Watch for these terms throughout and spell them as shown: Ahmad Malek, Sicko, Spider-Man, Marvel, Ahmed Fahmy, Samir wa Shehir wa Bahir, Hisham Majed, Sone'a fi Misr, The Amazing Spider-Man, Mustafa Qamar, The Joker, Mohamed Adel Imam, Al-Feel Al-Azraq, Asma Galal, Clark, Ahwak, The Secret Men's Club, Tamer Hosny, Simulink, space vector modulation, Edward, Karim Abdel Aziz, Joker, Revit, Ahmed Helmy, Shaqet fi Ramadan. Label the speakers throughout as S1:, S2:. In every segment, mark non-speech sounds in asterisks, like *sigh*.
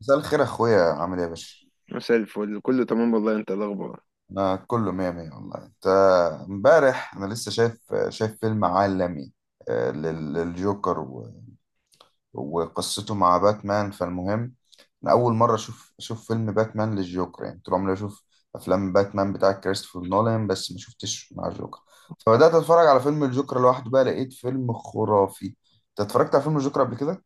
S1: مساء الخير يا اخويا، عامل ايه يا باشا؟
S2: مساء الفل، كله تمام والله. انت إيه الاخبار؟
S1: انا كله مية مية والله. انت، امبارح انا لسه شايف فيلم عالمي. للجوكر وقصته مع باتمان. فالمهم انا اول مرة اشوف فيلم باتمان للجوكر، يعني طول عمري اشوف افلام باتمان بتاع كريستوفر نولان بس ما شفتش مع الجوكر. فبدأت اتفرج على فيلم الجوكر لوحده، بقى لقيت فيلم خرافي. انت اتفرجت على فيلم الجوكر قبل كده؟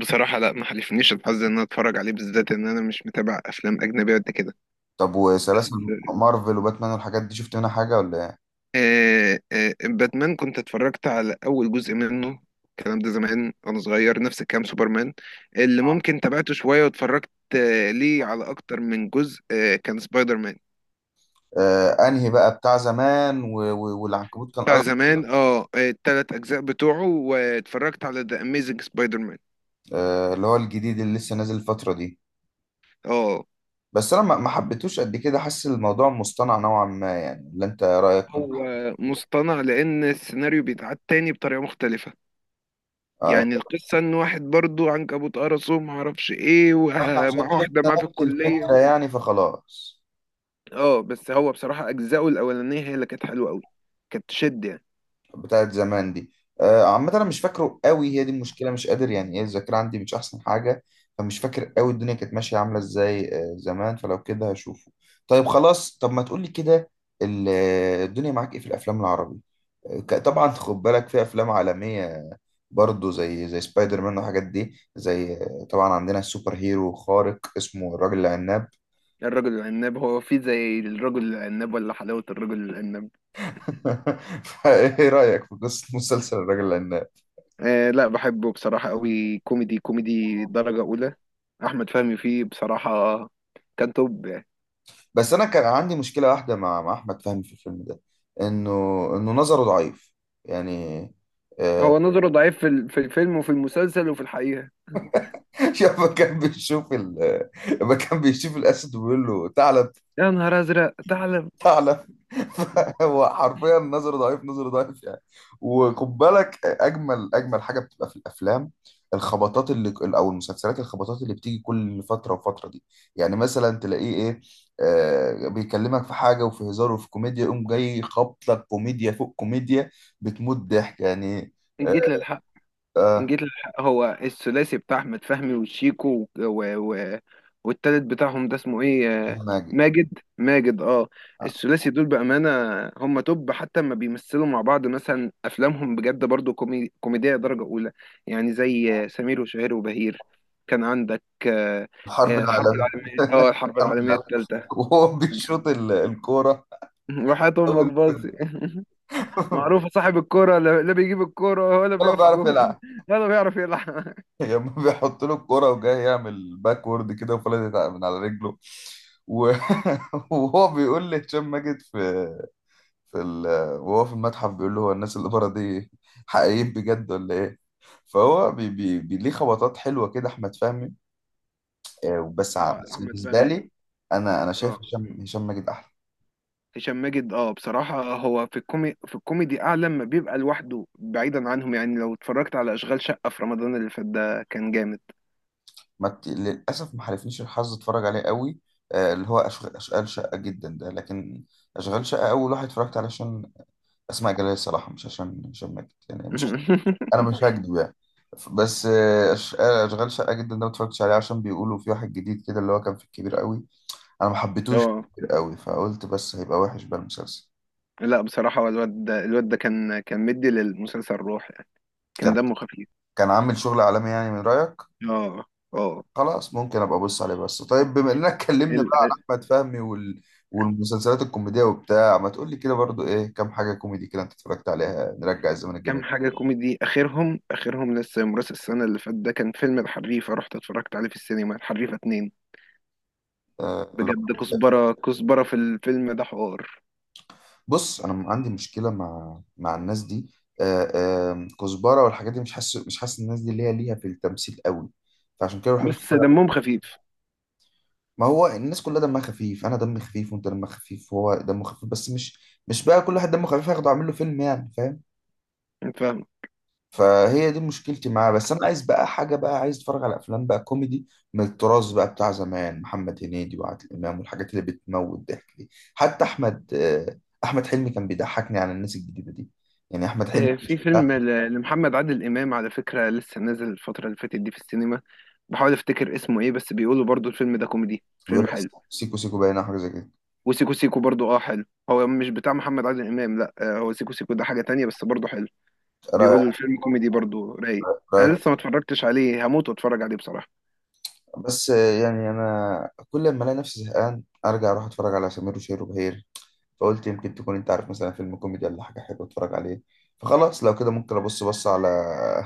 S2: بصراحة لا، ما حلفنيش الحظ ان انا اتفرج عليه بالذات. ان انا مش متابع افلام اجنبية قد كده.
S1: طب
S2: بس
S1: وسلاسل مارفل وباتمان والحاجات دي شفت منها حاجة ولا إيه؟
S2: باتمان كنت اتفرجت على اول جزء منه. الكلام ده زمان وانا صغير، نفس الكلام سوبرمان اللي ممكن تابعته شوية واتفرجت. ليه على اكتر من جزء؟ كان سبايدر مان
S1: آه، انهي بقى بتاع زمان والعنكبوت كان
S2: بتاع
S1: أرض.
S2: زمان. التلات اجزاء بتوعه، واتفرجت على ذا اميزنج سبايدر مان.
S1: آه، اللي هو الجديد اللي لسه نازل الفترة دي.
S2: اه،
S1: بس انا ما حبيتوش قد كده، حاسس الموضوع مصطنع نوعا ما، يعني اللي انت رأيك كنت،
S2: هو مصطنع لان السيناريو بيتعاد تاني بطريقة مختلفة.
S1: آه.
S2: يعني القصة ان واحد برضو عنكبوت قرصه ومعرفش ايه،
S1: احنا عشان
S2: ومع *laughs* واحدة
S1: شفنا
S2: معاه في
S1: نفس
S2: الكلية
S1: الفكرة
S2: و...
S1: يعني فخلاص.
S2: اه بس هو بصراحة اجزاؤه الاولانية هي اللي كانت حلوة قوي، كانت تشد يعني.
S1: بتاعت زمان دي. عامة أنا مش فاكره قوي، هي دي المشكلة، مش قادر، يعني إيه، الذاكرة عندي مش أحسن حاجة. فمش فاكر قوي الدنيا كانت ماشية عاملة إزاي، زمان، فلو كده هشوفه. طيب خلاص، طب ما تقولي كده. ال- الدنيا معاك إيه في الأفلام العربي؟ طبعا خد بالك، في أفلام عالمية برضه زي سبايدر مان والحاجات دي، زي طبعا عندنا السوبر هيرو خارق اسمه الراجل العناب.
S2: الرجل العناب، هو في زي الرجل العناب ولا حلاوة الرجل العناب؟
S1: *laughs* فإيه رأيك في قصة مسلسل الراجل العناب؟
S2: آه لا، بحبه بصراحة قوي، كوميدي كوميدي درجة اولى. احمد فهمي فيه بصراحة كان توب يعني.
S1: بس انا كان عندي مشكله واحده مع احمد فهمي في الفيلم ده، انه انه نظره ضعيف، يعني، آه.
S2: هو نظره ضعيف في في الفيلم وفي المسلسل وفي الحقيقة.
S1: *laughs* يابا كان بيشوف لما كان بيشوف الاسد ويقول له تعالى.
S2: يا نهار ازرق، تعلم!
S1: فعلا *laughs* هو حرفيا نظر ضعيف، نظر ضعيف يعني. وخد بالك، اجمل حاجه بتبقى في الافلام، الخبطات اللي او المسلسلات، الخبطات اللي بتيجي كل فتره وفتره دي. يعني مثلا تلاقيه ايه، آه، بيكلمك في حاجه وفي هزار وفي كوميديا، يقوم جاي خبط لك كوميديا فوق كوميديا، بتموت ضحك يعني.
S2: ان جيت للحق، إن
S1: آه،
S2: جيت للحق، هو الثلاثي بتاع أحمد فهمي وشيكو و والتالت بتاعهم ده اسمه إيه؟
S1: ماجد.
S2: ماجد اه.
S1: آه،
S2: الثلاثي دول بأمانة هم توب، حتى ما بيمثلوا مع بعض، مثلا أفلامهم بجد برضو كوميدية درجة أولى. يعني زي سمير وشهير وبهير، كان عندك
S1: الحرب
S2: الحرب
S1: العالميه،
S2: العالمية، اه الحرب
S1: الحرب
S2: العالمية
S1: العالميه.
S2: الثالثة.
S1: *laughs* وهو بيشوط الكوره.
S2: *laughs* وحياة أمك
S1: أول فيلم.
S2: باظي. *laughs* معروفة،
S1: *laughs*
S2: صاحب الكرة لا لا، بيجيب الكرة ولا
S1: ولا
S2: بيقف
S1: بيعرف
S2: جون
S1: يلعب.
S2: *laughs* ولا بيعرف يلعب.
S1: *laughs* لما بيحط له الكرة وجاي يعمل باكورد كده وفلتت من على رجله و... *laughs* وهو بيقول لهشام ماجد في في وهو في المتحف بيقول له هو الناس اللي بره دي حقيقيين بجد ولا ايه؟ فهو ليه خبطات حلوة كده أحمد فهمي.
S2: *laughs* هو
S1: بس
S2: أحمد
S1: بالنسبة
S2: فهمي،
S1: لي، أنا شايف
S2: اه.
S1: هشام ماجد أحلى.
S2: هشام ماجد اه، بصراحة هو في في الكوميدي أعلى لما بيبقى لوحده بعيدا عنهم. يعني لو اتفرجت على أشغال شقة في رمضان اللي فات ده، كان جامد.
S1: ما بت... للأسف ما حالفنيش الحظ أتفرج عليه قوي، آه، اللي هو أشغال شقة جدا ده. لكن أشغال شقة أول واحد اتفرجت عليه عشان اسماء جلال الصراحه، مش عشان هشام ماجد يعني، مش انا
S2: *laughs*
S1: مش هكدب يعني. بس اشغال شقه جدا ده ما اتفرجتش عليه، عشان بيقولوا في واحد جديد كده اللي هو كان في الكبير قوي. انا ما حبيتهوش في
S2: اه
S1: الكبير قوي، فقلت بس هيبقى وحش بقى المسلسل.
S2: لا بصراحة، هو الواد ده، كان مدي للمسلسل روح يعني، كان
S1: كان
S2: دمه خفيف.
S1: كان عامل شغل عالمي يعني، من رايك.
S2: اه اه.
S1: خلاص ممكن ابقى ابص عليه. بس طيب، بما اننا اتكلمنا
S2: ال-
S1: بقى عن احمد فهمي والمسلسلات الكوميديه وبتاع، ما تقول لي كده برضو ايه كام حاجه كوميدي كده انت اتفرجت عليها، نرجع الزمن الجميل.
S2: كام حاجة كوميدي؟ آخرهم لسه يوم راس السنة اللي فات ده، كان فيلم الحريفة، رحت اتفرجت عليه في السينما، الحريفة اتنين.
S1: أه...
S2: بجد
S1: لا.
S2: كزبرة في الفيلم ده حوار.
S1: بص انا عندي مشكله مع الناس دي، آه، آم، كزبره والحاجات دي، مش حاسس، مش حاسس الناس دي ليها، ليها في التمثيل قوي، فعشان كده ما بحبش
S2: بس
S1: اتفرج.
S2: دمهم خفيف.
S1: ما هو الناس كلها دمها خفيف، انا دمي خفيف وانت دمك خفيف وهو دمه خفيف، بس مش بقى كل واحد دمه خفيف هاخده اعمل له فيلم يعني، فاهم.
S2: فاهم.
S1: فهي دي مشكلتي معاه. بس انا عايز بقى حاجه، بقى عايز اتفرج على افلام بقى كوميدي من التراث بقى بتاع زمان، محمد هنيدي وعادل امام والحاجات اللي بتموت ضحك دي، حتى احمد، آه، احمد حلمي كان بيضحكني على الناس الجديده دي. يعني احمد حلمي
S2: في
S1: مش
S2: فيلم لمحمد عادل إمام على فكرة، لسه نازل الفترة اللي فاتت دي في السينما. بحاول أفتكر اسمه إيه، بس بيقولوا برضو الفيلم ده كوميدي،
S1: بيقول
S2: فيلم
S1: لك
S2: حلو.
S1: سيكو سيكو باين، أو حاجه زي كده.
S2: وسيكو سيكو برضو أه حلو. هو مش بتاع محمد عادل إمام، لأ، هو سيكو سيكو ده حاجة تانية بس برضو حلو.
S1: رايك.
S2: بيقولوا الفيلم كوميدي برضو رايق. أنا
S1: رايك.
S2: لسه ما اتفرجتش عليه، هموت واتفرج عليه بصراحة.
S1: بس آه، يعني انا كل ما الاقي نفسي زهقان ارجع اروح اتفرج على سمير وشهير وبهير. فقلت يمكن تكون انت عارف مثلا فيلم كوميدي ولا حاجه حلوه اتفرج عليه. فخلاص، لو كده ممكن ابص بص على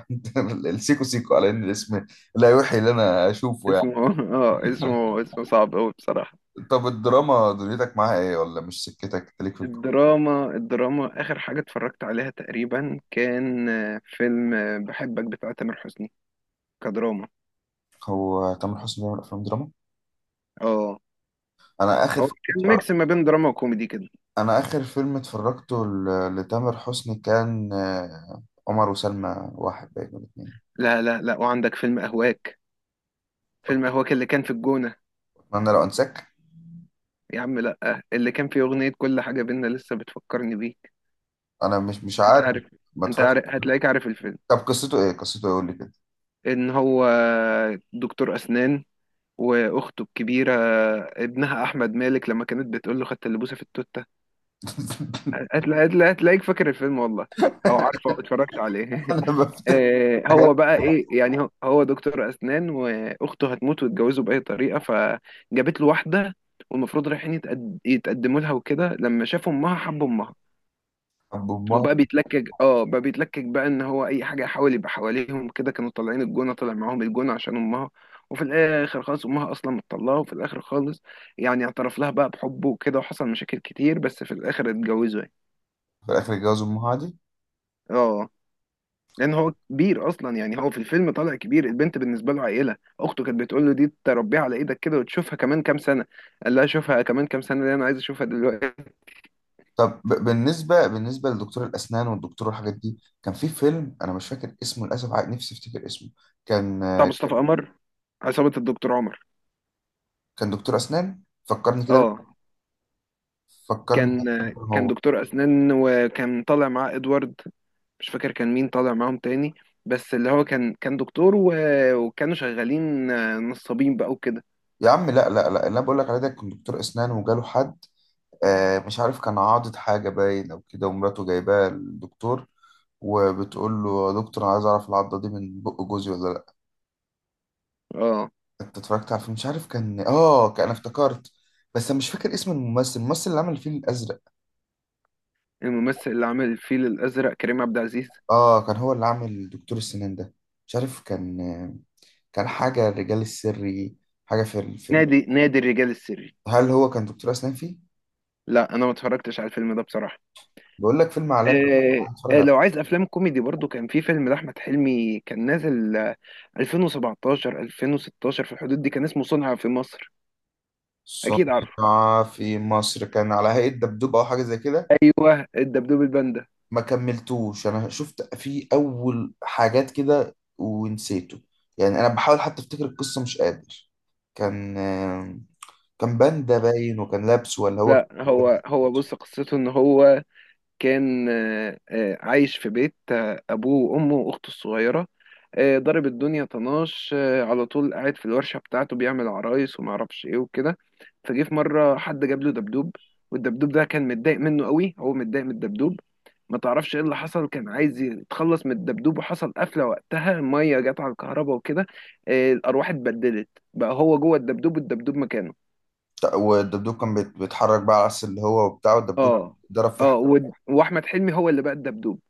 S1: *laughs* السيكو سيكو، على ان الاسم لا يوحي اللي انا اشوفه يعني.
S2: اسمه *laughs* أه، اسمه صعب أوي بصراحة.
S1: طب الدراما دنيتك معاها ايه، ولا مش سكتك، انت ليك في
S2: الدراما، آخر حاجة اتفرجت عليها تقريبا، كان فيلم بحبك بتاع تامر حسني، كدراما.
S1: هو تامر حسني بيعمل افلام دراما؟
S2: اه،
S1: انا اخر
S2: هو
S1: فيلم
S2: كان ميكس ما بين دراما وكوميدي كده.
S1: انا اخر فيلم اتفرجته لتامر حسني كان عمر وسلمى واحد باين ولا اتنين.
S2: لا، وعندك فيلم أهواك. فيلم أهواك اللي كان في الجونة،
S1: اتمنى لو انساك.
S2: يا عم لا، اللي كان فيه أغنية كل حاجة بينا لسه بتفكرني بيك.
S1: انا مش، مش
S2: أنت
S1: عارف.
S2: عارف،
S1: ما
S2: أنت
S1: اتفرجتش.
S2: عارف، هتلاقيك عارف الفيلم.
S1: طب قصته ايه، قصته ايه، قول لي كده.
S2: إن هو دكتور أسنان، وأخته الكبيرة ابنها أحمد مالك، لما كانت بتقول له خدت اللبوسة في التوت. هتلاقيك فاكر الفيلم والله، او عارفه، او اتفرجت عليه.
S1: *laughs* انا
S2: *laughs*
S1: بفتح حاجات.
S2: هو بقى ايه يعني، هو دكتور اسنان، واخته هتموت ويتجوزوا باي طريقه، فجابت له واحده، والمفروض رايحين يتقدموا لها وكده، لما شافوا امها حب امها.
S1: طب وأمها؟
S2: وبقى بيتلكك، بقى ان هو اي حاجه يحاول يبقى حواليهم كده. كانوا طالعين الجونه، طالع معاهم الجونه عشان امها. وفي الاخر خالص امها اصلا مطلعه. وفي الاخر خالص يعني اعترف لها بقى بحبه وكده، وحصل مشاكل كتير، بس في الاخر اتجوزوا يعني.
S1: في الاخر اتجوز امها دي.
S2: اه، لان هو كبير اصلا. يعني هو في الفيلم طالع كبير، البنت بالنسبه له عيله، اخته كانت بتقول له دي تربيها على ايدك كده وتشوفها كمان كام سنه. قال لها شوفها كمان كام سنه ليه، انا عايز اشوفها دلوقتي.
S1: طب بالنسبه، بالنسبه لدكتور الاسنان والدكتور والحاجات دي، كان في فيلم انا مش فاكر اسمه للاسف، نفسي افتكر اسمه. كان
S2: بتاع مصطفى قمر، عصابه الدكتور عمر.
S1: كان دكتور اسنان، فكرني كده بيه.
S2: اه،
S1: فكرني
S2: كان
S1: بيه
S2: كان
S1: هو.
S2: دكتور اسنان، وكان طالع معاه ادوارد. مش فاكر كان مين طالع معاهم تاني. بس اللي هو كان دكتور وكانوا شغالين نصابين بقى وكده.
S1: يا عم لا لا لا، اللي انا بقول لك عليه ده كان دكتور اسنان وجاله حد، مش عارف كان عاضد حاجه باين او كده، ومراته جايباه للدكتور وبتقول له يا دكتور انا عايز اعرف العضه دي من بق جوزي ولا.
S2: اه.
S1: انت اتفرجت على فيلم مش عارف كان اه، كان انا افتكرت. بس انا مش فاكر اسم الممثل، الممثل اللي عمل الفيل الازرق.
S2: الممثل اللي عمل الفيل الازرق كريم عبد العزيز.
S1: اه، كان هو اللي عامل دكتور السنان ده. مش عارف كان، كان حاجه الرجال السري، حاجه في الفيلم.
S2: نادي الرجال السري؟
S1: هل هو كان دكتور اسنان فيه؟
S2: لا انا ما اتفرجتش على الفيلم ده بصراحه.
S1: بقول لك فيلم عالمي. هنتفرج عليه.
S2: لو عايز افلام كوميدي، برضو كان في فيلم لاحمد حلمي كان نازل، 2017 2016 في الحدود دي، كان اسمه صنع في مصر. اكيد عارفه،
S1: صنع في مصر كان على هيئه دبدوب، او حاجه زي كده.
S2: ايوه الدبدوب الباندا.
S1: ما كملتوش، انا شفت فيه اول حاجات كده ونسيته، يعني انا بحاول حتى افتكر القصه مش قادر. كان، كان باندا باين، وكان لابس، ولا هو
S2: لا، هو بص، قصته ان هو كان، عايش في بيت، أبوه وأمه وأخته الصغيرة. ضرب الدنيا طناش، على طول قاعد في الورشة بتاعته بيعمل عرايس ومعرفش إيه وكده. فجه في مرة حد جاب له دبدوب، والدبدوب ده كان متضايق منه قوي، هو متضايق من الدبدوب. ما تعرفش ايه اللي حصل، كان عايز يتخلص من الدبدوب، وحصل قفلة وقتها، المية جت على الكهرباء وكده. الأرواح اتبدلت، بقى هو جوه الدبدوب والدبدوب مكانه.
S1: والدبدوب كان بيتحرك بقى على العكس اللي هو وبتاع والدبدوب
S2: اه.
S1: ضرب في حد.
S2: اه، واحمد حلمي هو اللي بقى الدبدوب،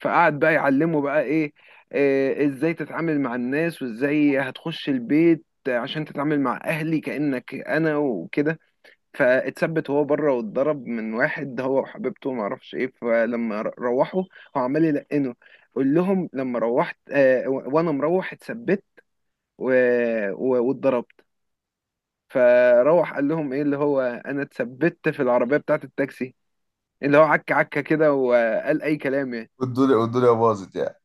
S2: فقعد بقى يعلمه بقى ايه، ازاي تتعامل مع الناس، وازاي هتخش البيت عشان تتعامل مع اهلي كأنك انا وكده. فاتثبت هو بره، واتضرب من واحد هو وحبيبته ما اعرفش ايه. فلما روحوا، هو عمال يلقنه قول لهم لما روحت، وانا مروح اتثبت واتضربت. فروح قال لهم ايه، اللي هو انا اتثبت في العربية بتاعت التاكسي، اللي هو عكة كده، وقال اي كلام يعني.
S1: والدنيا باظت يعني.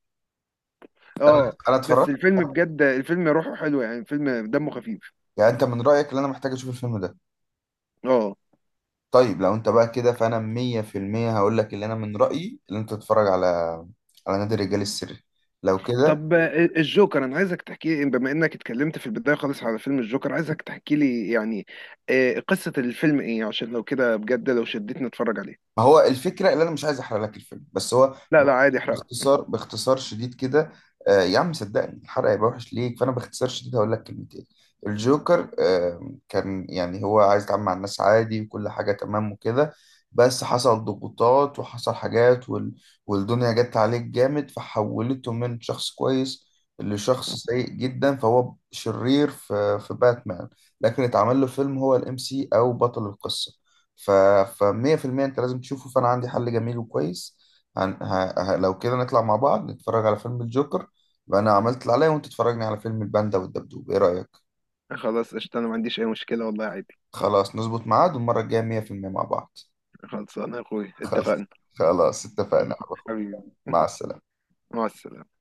S1: انا
S2: اه
S1: انا
S2: بس
S1: اتفرجت.
S2: الفيلم بجد، الفيلم روحه حلو يعني، الفيلم دمه خفيف.
S1: يعني انت من رايك اللي انا محتاج اشوف الفيلم ده.
S2: اه.
S1: طيب لو انت بقى كده فانا 100% هقول لك اللي انا من رايي اللي انت تتفرج على، على نادي الرجال السري. لو كده.
S2: طب الجوكر، انا عايزك تحكي لي، بما انك اتكلمت في البدايه خالص على فيلم الجوكر، عايزك تحكي لي يعني قصه الفيلم ايه، عشان لو كده بجد لو شدتني اتفرج عليه.
S1: ما هو الفكره اللي انا مش عايز احرق لك الفيلم، بس هو
S2: لا لا، عادي احرقه.
S1: باختصار، باختصار شديد كده. آه يا عم صدقني، الحرق هيبقى وحش ليك، فانا باختصار شديد هقول لك كلمتين. الجوكر آه كان يعني هو عايز يتعامل مع الناس عادي، وكل حاجه تمام وكده، بس حصل ضغوطات وحصل حاجات والدنيا جت عليه جامد، فحولته من شخص كويس لشخص سيء جدا. فهو شرير في في باتمان، لكن اتعمل له فيلم هو الام سي او بطل القصه. ف 100% انت لازم تشوفه. فانا عندي حل جميل وكويس، لو كده نطلع مع بعض نتفرج على فيلم الجوكر، وانا عملت اللي عليا وانت تتفرجني على فيلم الباندا والدبدوب. ايه رأيك؟
S2: خلاص قشطه، انا ما عنديش اي مشكله والله، عادي.
S1: خلاص نظبط ميعاد، والمرة الجاية 100% مع بعض.
S2: خلاص انا يا اخوي اتفقنا.
S1: خلاص اتفقنا
S2: *laughs*
S1: على خير.
S2: حبيبي،
S1: مع السلامة
S2: مع السلامه.